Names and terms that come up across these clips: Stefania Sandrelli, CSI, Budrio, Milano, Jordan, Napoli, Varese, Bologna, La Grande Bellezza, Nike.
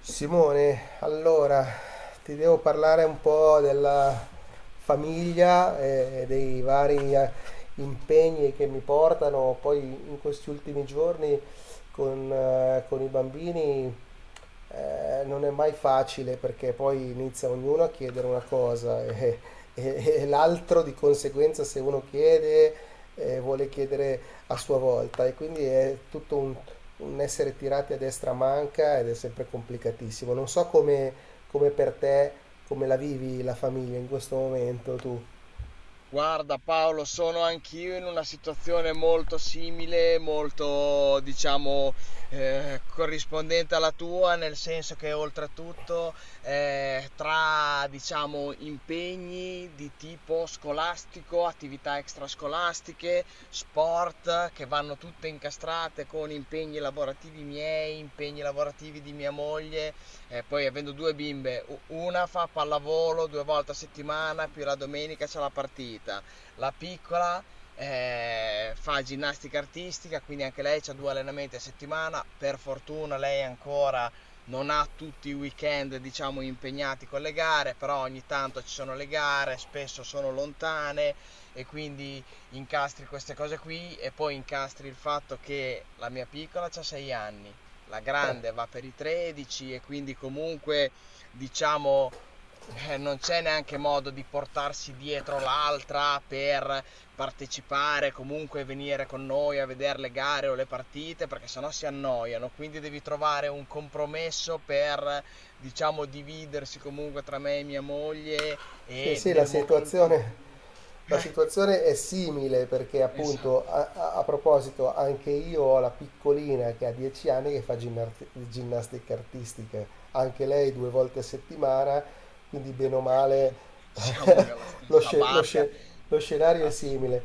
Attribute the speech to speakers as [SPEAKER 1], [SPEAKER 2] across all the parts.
[SPEAKER 1] Simone, allora ti devo parlare un po' della famiglia e dei vari impegni che mi portano poi in questi ultimi giorni con i bambini. Non è mai facile perché poi inizia ognuno a chiedere una cosa, e l'altro di conseguenza. Se uno chiede, vuole chiedere a sua volta, e quindi è tutto un essere tirati a destra manca, ed è sempre complicatissimo. Non so come per te, come la vivi la famiglia in questo momento tu.
[SPEAKER 2] Guarda Paolo, sono anch'io in una situazione molto simile, molto diciamo corrispondente alla tua, nel senso che oltretutto tra diciamo impegni di tipo scolastico, attività extrascolastiche, sport che vanno tutte incastrate con impegni lavorativi miei, impegni lavorativi di mia moglie, e poi avendo due bimbe, una fa pallavolo due volte a settimana, più la domenica c'è la partita. La piccola fa ginnastica artistica, quindi anche lei ha due allenamenti a settimana. Per fortuna lei ancora non ha tutti i weekend, diciamo, impegnati con le gare, però ogni tanto ci sono le gare, spesso sono lontane e quindi incastri queste cose qui e poi incastri il fatto che la mia piccola ha 6 anni, la grande va per i 13 e quindi comunque diciamo non c'è neanche modo di portarsi dietro l'altra per partecipare, comunque venire con noi a vedere le gare o le partite, perché sennò si annoiano, quindi devi trovare un compromesso per diciamo dividersi comunque tra me e mia moglie
[SPEAKER 1] Sì,
[SPEAKER 2] e
[SPEAKER 1] sì, la
[SPEAKER 2] nel momento in
[SPEAKER 1] situazione.
[SPEAKER 2] cui
[SPEAKER 1] La
[SPEAKER 2] eh,
[SPEAKER 1] situazione è simile, perché appunto
[SPEAKER 2] Esatto.
[SPEAKER 1] a proposito, anche io ho la piccolina che ha 10 anni che fa ginnastica artistica, anche lei due volte a settimana, quindi
[SPEAKER 2] E
[SPEAKER 1] bene o male...
[SPEAKER 2] quindi siamo nella
[SPEAKER 1] lo,
[SPEAKER 2] stessa
[SPEAKER 1] sce- lo
[SPEAKER 2] barca,
[SPEAKER 1] sce- lo scenario è
[SPEAKER 2] ass-
[SPEAKER 1] simile.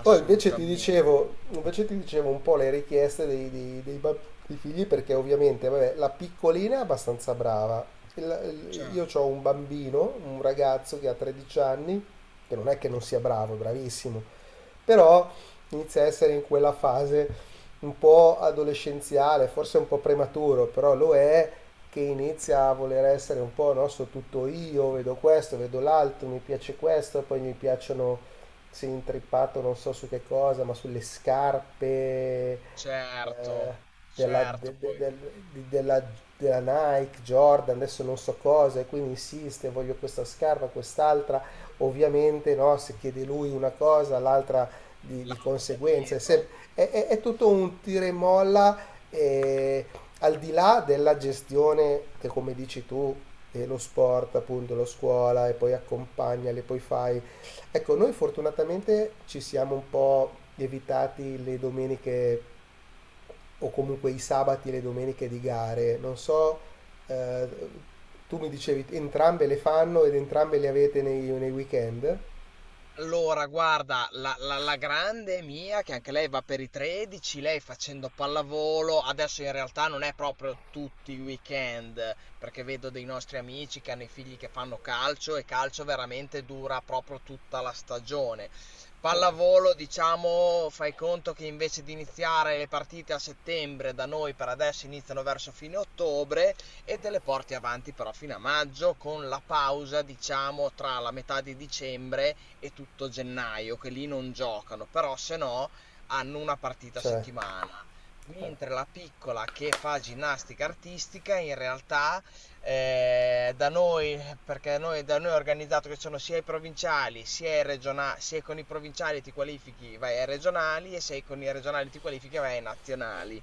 [SPEAKER 1] Poi invece ti dicevo, invece ti dicevo un po' le richieste dei figli, perché ovviamente vabbè, la piccolina è abbastanza brava. Io
[SPEAKER 2] Certo,
[SPEAKER 1] ho un bambino, un ragazzo che ha 13 anni, che non è che non sia bravo, è bravissimo, però inizia a essere in quella fase un po' adolescenziale, forse un po' prematuro, però lo è, che inizia a voler essere un po', no, so tutto io, vedo questo, vedo l'altro, mi piace questo, poi mi piacciono, si è intrippato non so su che cosa, ma sulle scarpe, eh,
[SPEAKER 2] certo,
[SPEAKER 1] della,
[SPEAKER 2] certo,
[SPEAKER 1] de- de-
[SPEAKER 2] poi
[SPEAKER 1] del- di- della- della Nike, Jordan, adesso non so cosa, e quindi insiste, voglio questa scarpa, quest'altra. Ovviamente, no, se chiede lui una cosa, l'altra di
[SPEAKER 2] l'altro va
[SPEAKER 1] conseguenza. È,
[SPEAKER 2] dietro.
[SPEAKER 1] sem- è tutto un tira e molla, eh, al di là della gestione che, come dici tu, lo sport, appunto, lo scuola, e poi accompagnali, poi fai... Ecco, noi fortunatamente ci siamo un po' evitati le domeniche, o comunque i sabati e le domeniche di gare. Non so, eh, tu mi dicevi entrambe le fanno, ed entrambe le avete nei weekend?
[SPEAKER 2] Allora, guarda, la grande mia, che anche lei va per i 13, lei facendo pallavolo, adesso in realtà non è proprio tutti i weekend, perché vedo dei nostri amici che hanno i figli che fanno calcio e calcio veramente dura proprio tutta la stagione. Pallavolo, diciamo, fai conto che invece di iniziare le partite a settembre, da noi per adesso iniziano verso fine ottobre e te le porti avanti però fino a maggio con la pausa, diciamo, tra la metà di dicembre e tutto gennaio, che lì non giocano, però se no hanno una partita a
[SPEAKER 1] Cioè,
[SPEAKER 2] settimana. Mentre la piccola che fa ginnastica artistica, in realtà da noi, perché noi, da noi è organizzato che sono sia i provinciali, sia, i regionali, sia con i provinciali ti qualifichi vai ai regionali e se con i regionali ti qualifichi vai ai nazionali.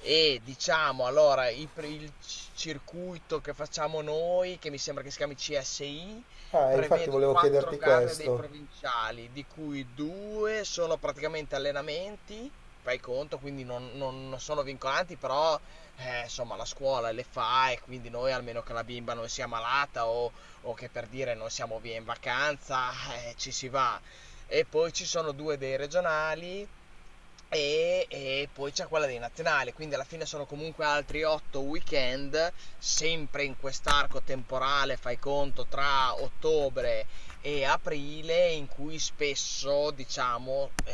[SPEAKER 2] E diciamo allora i pr- il, c- circuito che facciamo noi, che mi sembra che si chiami CSI,
[SPEAKER 1] ah, infatti
[SPEAKER 2] prevede
[SPEAKER 1] volevo
[SPEAKER 2] quattro
[SPEAKER 1] chiederti
[SPEAKER 2] gare dei
[SPEAKER 1] questo.
[SPEAKER 2] provinciali, di cui due sono praticamente allenamenti, fai conto, quindi non sono vincolanti, però insomma la scuola le fa e quindi noi, almeno che la bimba non sia malata o che per dire non siamo via in vacanza, ci si va e poi ci sono due dei regionali e poi c'è quella dei nazionali, quindi alla fine sono comunque altri 8 weekend, sempre in quest'arco temporale, fai conto, tra ottobre e aprile, in cui spesso, diciamo, eh,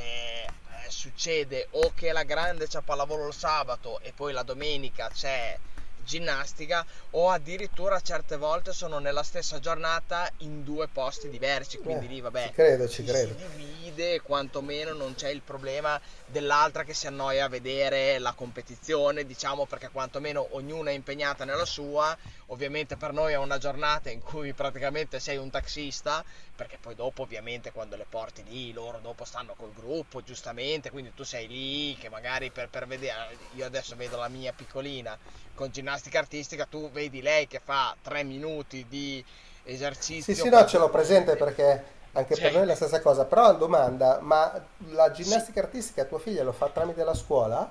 [SPEAKER 2] eh, succede o che la grande c'è pallavolo il sabato e poi la domenica c'è ginnastica o addirittura certe volte sono nella stessa giornata in due posti diversi,
[SPEAKER 1] Eh,
[SPEAKER 2] quindi lì
[SPEAKER 1] ci
[SPEAKER 2] vabbè
[SPEAKER 1] credo, ci
[SPEAKER 2] ci si
[SPEAKER 1] credo.
[SPEAKER 2] divide, quantomeno non c'è il problema dell'altra che si annoia a vedere la competizione, diciamo perché quantomeno ognuna è impegnata nella sua. Ovviamente per noi è una giornata in cui praticamente sei un taxista, perché poi dopo ovviamente quando le porti lì, loro dopo stanno col gruppo, giustamente, quindi tu sei lì che magari per vedere, io adesso vedo la mia piccolina con ginnastica artistica, tu vedi lei che fa 3 minuti di
[SPEAKER 1] Sì,
[SPEAKER 2] esercizio
[SPEAKER 1] sì, no,
[SPEAKER 2] per
[SPEAKER 1] ce
[SPEAKER 2] due
[SPEAKER 1] l'ho presente,
[SPEAKER 2] volte.
[SPEAKER 1] perché anche per
[SPEAKER 2] Cioè,
[SPEAKER 1] noi è la stessa cosa. Però una domanda, ma la
[SPEAKER 2] sì.
[SPEAKER 1] ginnastica artistica tua figlia lo fa tramite la scuola?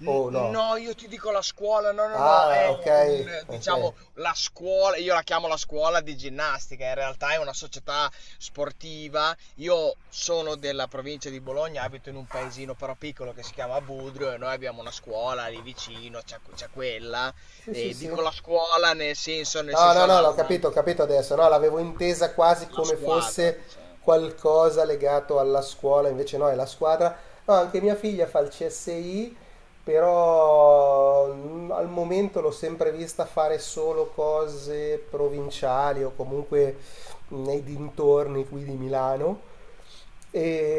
[SPEAKER 2] N
[SPEAKER 1] O no?
[SPEAKER 2] No, io ti dico la scuola, no,
[SPEAKER 1] Ah, ok,
[SPEAKER 2] è un,
[SPEAKER 1] ok.
[SPEAKER 2] diciamo, la scuola, io la chiamo la scuola di ginnastica, in realtà è una società sportiva. Io sono della provincia di Bologna, abito in un paesino però piccolo che si chiama Budrio e noi abbiamo una scuola lì vicino, c'è quella.
[SPEAKER 1] Sì, sì,
[SPEAKER 2] E
[SPEAKER 1] sì.
[SPEAKER 2] dico la scuola nel
[SPEAKER 1] No, no,
[SPEAKER 2] senso
[SPEAKER 1] no, l'ho capito, ho capito adesso. No, l'avevo intesa quasi
[SPEAKER 2] la
[SPEAKER 1] come
[SPEAKER 2] squadra,
[SPEAKER 1] fosse
[SPEAKER 2] diciamo.
[SPEAKER 1] qualcosa legato alla scuola, invece no, è la squadra. No, anche mia figlia fa il CSI, però al momento l'ho sempre vista fare solo cose provinciali, o comunque nei dintorni qui di Milano.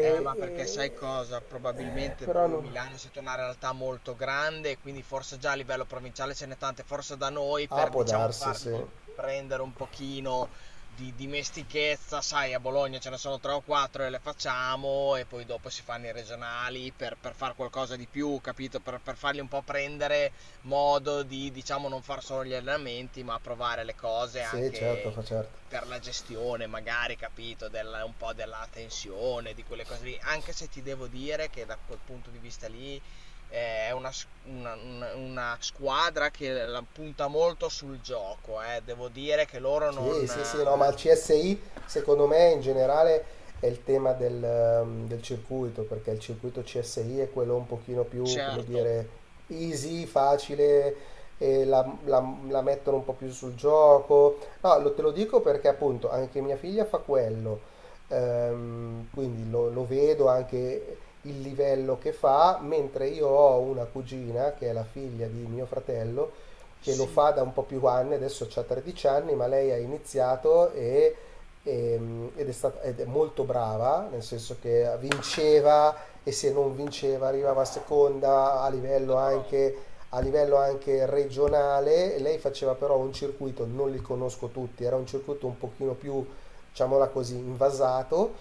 [SPEAKER 2] Ma perché
[SPEAKER 1] e-
[SPEAKER 2] sai cosa? Probabilmente
[SPEAKER 1] Però
[SPEAKER 2] voi
[SPEAKER 1] non...
[SPEAKER 2] Milano siete una realtà molto grande, e quindi forse già a livello provinciale ce n'è tante, forse da noi
[SPEAKER 1] Ah,
[SPEAKER 2] per
[SPEAKER 1] può
[SPEAKER 2] diciamo
[SPEAKER 1] darsi, sì.
[SPEAKER 2] fargli prendere un pochino di dimestichezza, sai, a Bologna ce ne sono tre o quattro e le facciamo e poi dopo si fanno i regionali per fare qualcosa di più, capito? Per fargli un po' prendere modo di, diciamo, non far solo gli allenamenti, ma provare le cose
[SPEAKER 1] Sì,
[SPEAKER 2] anche
[SPEAKER 1] certo, fa certo.
[SPEAKER 2] per la gestione, magari, capito, della, un po' della tensione, di quelle cose lì, anche se ti devo dire che da quel punto di vista lì è una, una squadra che la punta molto sul gioco, eh. Devo dire che loro
[SPEAKER 1] Sì,
[SPEAKER 2] non...
[SPEAKER 1] sì, sì, no, ma il CSI secondo me in generale è il tema del circuito, perché il circuito CSI è quello un pochino più, come
[SPEAKER 2] certo,
[SPEAKER 1] dire, easy, facile, e la mettono un po' più sul gioco. No, te lo dico perché appunto anche mia figlia fa quello. Quindi lo vedo anche il livello che fa, mentre io ho una cugina che è la figlia di mio fratello, che lo
[SPEAKER 2] sì,
[SPEAKER 1] fa da un po' più anni, adesso ha 13 anni, ma lei ha iniziato ed è molto brava, nel senso che vinceva, e se non vinceva arrivava seconda a livello
[SPEAKER 2] però
[SPEAKER 1] anche, a livello anche regionale. E lei faceva però un circuito, non li conosco tutti, era un circuito un pochino più, diciamola così, invasato.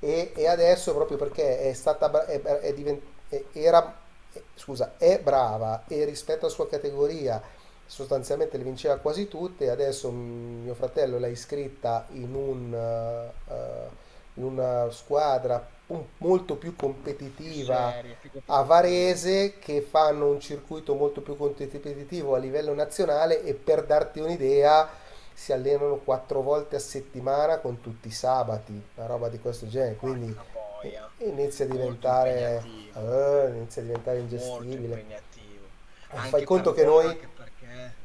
[SPEAKER 1] E adesso, proprio perché è stata bra- è divent- è- è brava, e rispetto alla sua categoria sostanzialmente le vinceva quasi tutte, adesso mio fratello l'ha iscritta in una squadra molto più
[SPEAKER 2] più
[SPEAKER 1] competitiva
[SPEAKER 2] serie, più
[SPEAKER 1] a
[SPEAKER 2] competitivi.
[SPEAKER 1] Varese, che fanno un circuito molto più competitivo a livello nazionale. E per darti un'idea, si allenano quattro volte a settimana con tutti i
[SPEAKER 2] Che
[SPEAKER 1] sabati, una roba
[SPEAKER 2] miseria.
[SPEAKER 1] di questo genere, quindi
[SPEAKER 2] Porca
[SPEAKER 1] eh,
[SPEAKER 2] boia,
[SPEAKER 1] inizia a
[SPEAKER 2] molto
[SPEAKER 1] diventare,
[SPEAKER 2] impegnativo,
[SPEAKER 1] inizia a diventare
[SPEAKER 2] molto
[SPEAKER 1] ingestibile.
[SPEAKER 2] impegnativo,
[SPEAKER 1] Fai
[SPEAKER 2] anche per
[SPEAKER 1] conto che
[SPEAKER 2] loro,
[SPEAKER 1] noi
[SPEAKER 2] anche perché...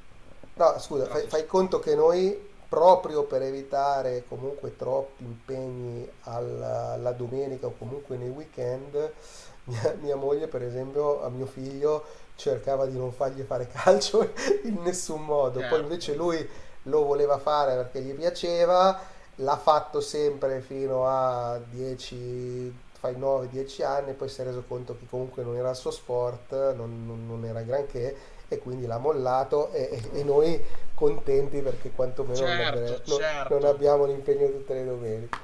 [SPEAKER 1] No, scusa, fai, fai
[SPEAKER 2] Trascorso.
[SPEAKER 1] conto che noi, proprio per evitare comunque troppi impegni alla domenica, o comunque nei weekend, mia moglie, per esempio, a mio figlio cercava di non fargli fare calcio in nessun modo. Poi
[SPEAKER 2] Certo,
[SPEAKER 1] invece lui lo voleva fare perché gli piaceva, l'ha fatto sempre fino a 10, fai 9-10 anni, poi si è reso conto che comunque non era il suo sport, non era granché, e quindi l'ha mollato, e noi contenti perché quantomeno non,
[SPEAKER 2] certo,
[SPEAKER 1] avre- non- non
[SPEAKER 2] certo,
[SPEAKER 1] abbiamo l'impegno tutte le domeniche,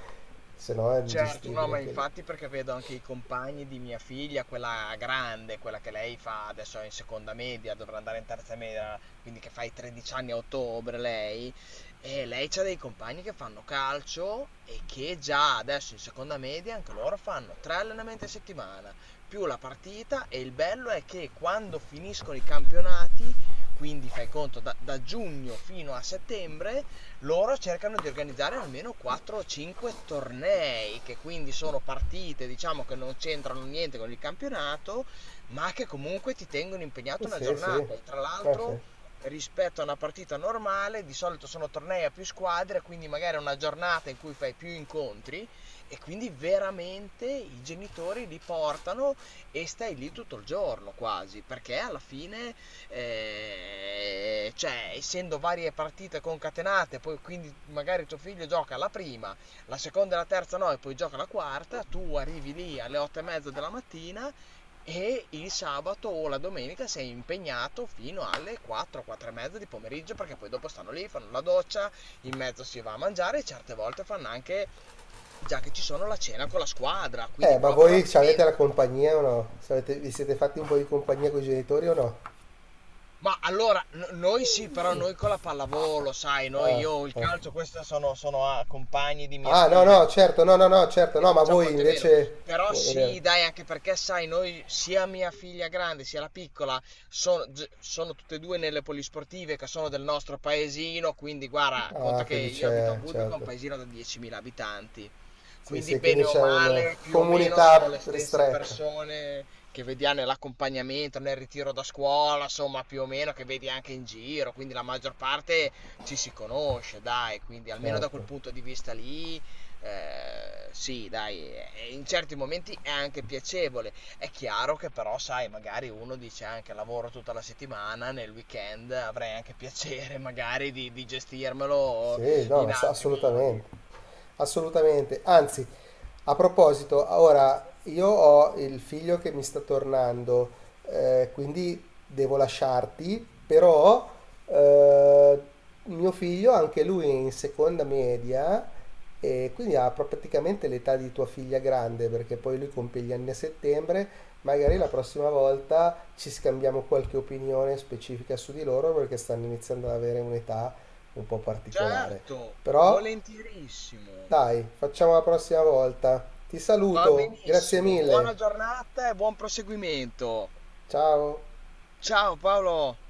[SPEAKER 1] se no è
[SPEAKER 2] certo. No,
[SPEAKER 1] ingestibile
[SPEAKER 2] ma
[SPEAKER 1] anche lì.
[SPEAKER 2] infatti perché vedo anche i compagni di mia figlia, quella grande, quella che lei fa adesso è in seconda media, dovrà andare in terza media, quindi che fa i 13 anni a ottobre lei, e lei c'ha dei compagni che fanno calcio e che già adesso in seconda media anche loro fanno tre allenamenti a settimana, più la partita e il bello è che quando finiscono i campionati, quindi fai conto da giugno fino a settembre, loro cercano di organizzare almeno 4 o 5 tornei, che quindi sono partite, diciamo, che non c'entrano niente con il campionato, ma che comunque ti tengono
[SPEAKER 1] Eh
[SPEAKER 2] impegnato una
[SPEAKER 1] sì, sì,
[SPEAKER 2] giornata. E
[SPEAKER 1] eh
[SPEAKER 2] tra
[SPEAKER 1] sì.
[SPEAKER 2] l'altro, rispetto a una partita normale, di solito sono tornei a più squadre, quindi magari è una giornata in cui fai più incontri e quindi veramente i genitori li portano e stai lì tutto il giorno quasi, perché alla fine cioè essendo varie partite concatenate, poi quindi magari tuo figlio gioca la prima, la seconda e la terza no, e poi gioca la quarta, tu arrivi lì alle 8:30 della mattina e il sabato o la domenica sei impegnato fino alle 4, 4 e mezza di pomeriggio perché poi dopo stanno lì, fanno la doccia, in mezzo si va a mangiare e certe volte fanno anche, già che ci sono, la cena con la squadra, quindi
[SPEAKER 1] Ma
[SPEAKER 2] proprio
[SPEAKER 1] voi ci avete la
[SPEAKER 2] diventa...
[SPEAKER 1] compagnia o no? Vi siete fatti un po' di compagnia con i genitori o no?
[SPEAKER 2] Ma allora, noi sì, però noi con la pallavolo, sai, noi,
[SPEAKER 1] Ah,
[SPEAKER 2] io il
[SPEAKER 1] ah.
[SPEAKER 2] calcio, questi sono, ah, compagni di mia
[SPEAKER 1] Ah, no, no,
[SPEAKER 2] figlia,
[SPEAKER 1] certo, no,
[SPEAKER 2] e
[SPEAKER 1] no, no,
[SPEAKER 2] quindi
[SPEAKER 1] certo,
[SPEAKER 2] ne
[SPEAKER 1] no, ma
[SPEAKER 2] facciamo
[SPEAKER 1] voi
[SPEAKER 2] molte meno.
[SPEAKER 1] invece...
[SPEAKER 2] Però
[SPEAKER 1] Vuol dire...
[SPEAKER 2] sì, dai, anche perché, sai, noi, sia mia figlia grande sia la piccola, sono, sono tutte e due nelle polisportive che sono del nostro paesino, quindi guarda, conta
[SPEAKER 1] Ah,
[SPEAKER 2] che
[SPEAKER 1] quindi
[SPEAKER 2] io abito a
[SPEAKER 1] c'è,
[SPEAKER 2] Budrio, che è un
[SPEAKER 1] certo.
[SPEAKER 2] paesino da 10.000 abitanti.
[SPEAKER 1] Sì,
[SPEAKER 2] Quindi
[SPEAKER 1] sì, quindi
[SPEAKER 2] bene o
[SPEAKER 1] c'è una
[SPEAKER 2] male, più o meno sono
[SPEAKER 1] comunità
[SPEAKER 2] le stesse
[SPEAKER 1] ristretta.
[SPEAKER 2] persone che vediamo nell'accompagnamento, nel ritiro da scuola, insomma, più o meno che vedi anche in giro, quindi la maggior parte ci si conosce, dai, quindi almeno da quel
[SPEAKER 1] Certo.
[SPEAKER 2] punto di vista lì, sì, dai, e in certi momenti è anche piacevole. È chiaro che però, sai, magari uno dice anche lavoro tutta la settimana, nel weekend avrei anche piacere magari di gestirmelo
[SPEAKER 1] Sì, no,
[SPEAKER 2] in
[SPEAKER 1] ma
[SPEAKER 2] altri modi.
[SPEAKER 1] assolutamente. Assolutamente. Anzi, a proposito, ora io ho il figlio che mi sta tornando, quindi devo lasciarti, però eh, mio figlio, anche lui è in seconda media, e quindi ha praticamente l'età di tua figlia grande, perché poi lui compie gli anni a settembre. Magari la
[SPEAKER 2] Perfetto.
[SPEAKER 1] prossima volta ci scambiamo qualche opinione specifica su di loro, perché stanno iniziando ad avere un'età un po' particolare.
[SPEAKER 2] Certo,
[SPEAKER 1] Però
[SPEAKER 2] volentierissimo.
[SPEAKER 1] dai, facciamo la prossima volta. Ti
[SPEAKER 2] Va
[SPEAKER 1] saluto, grazie
[SPEAKER 2] benissimo.
[SPEAKER 1] mille.
[SPEAKER 2] Buona giornata e buon proseguimento.
[SPEAKER 1] Ciao.
[SPEAKER 2] Ciao Paolo.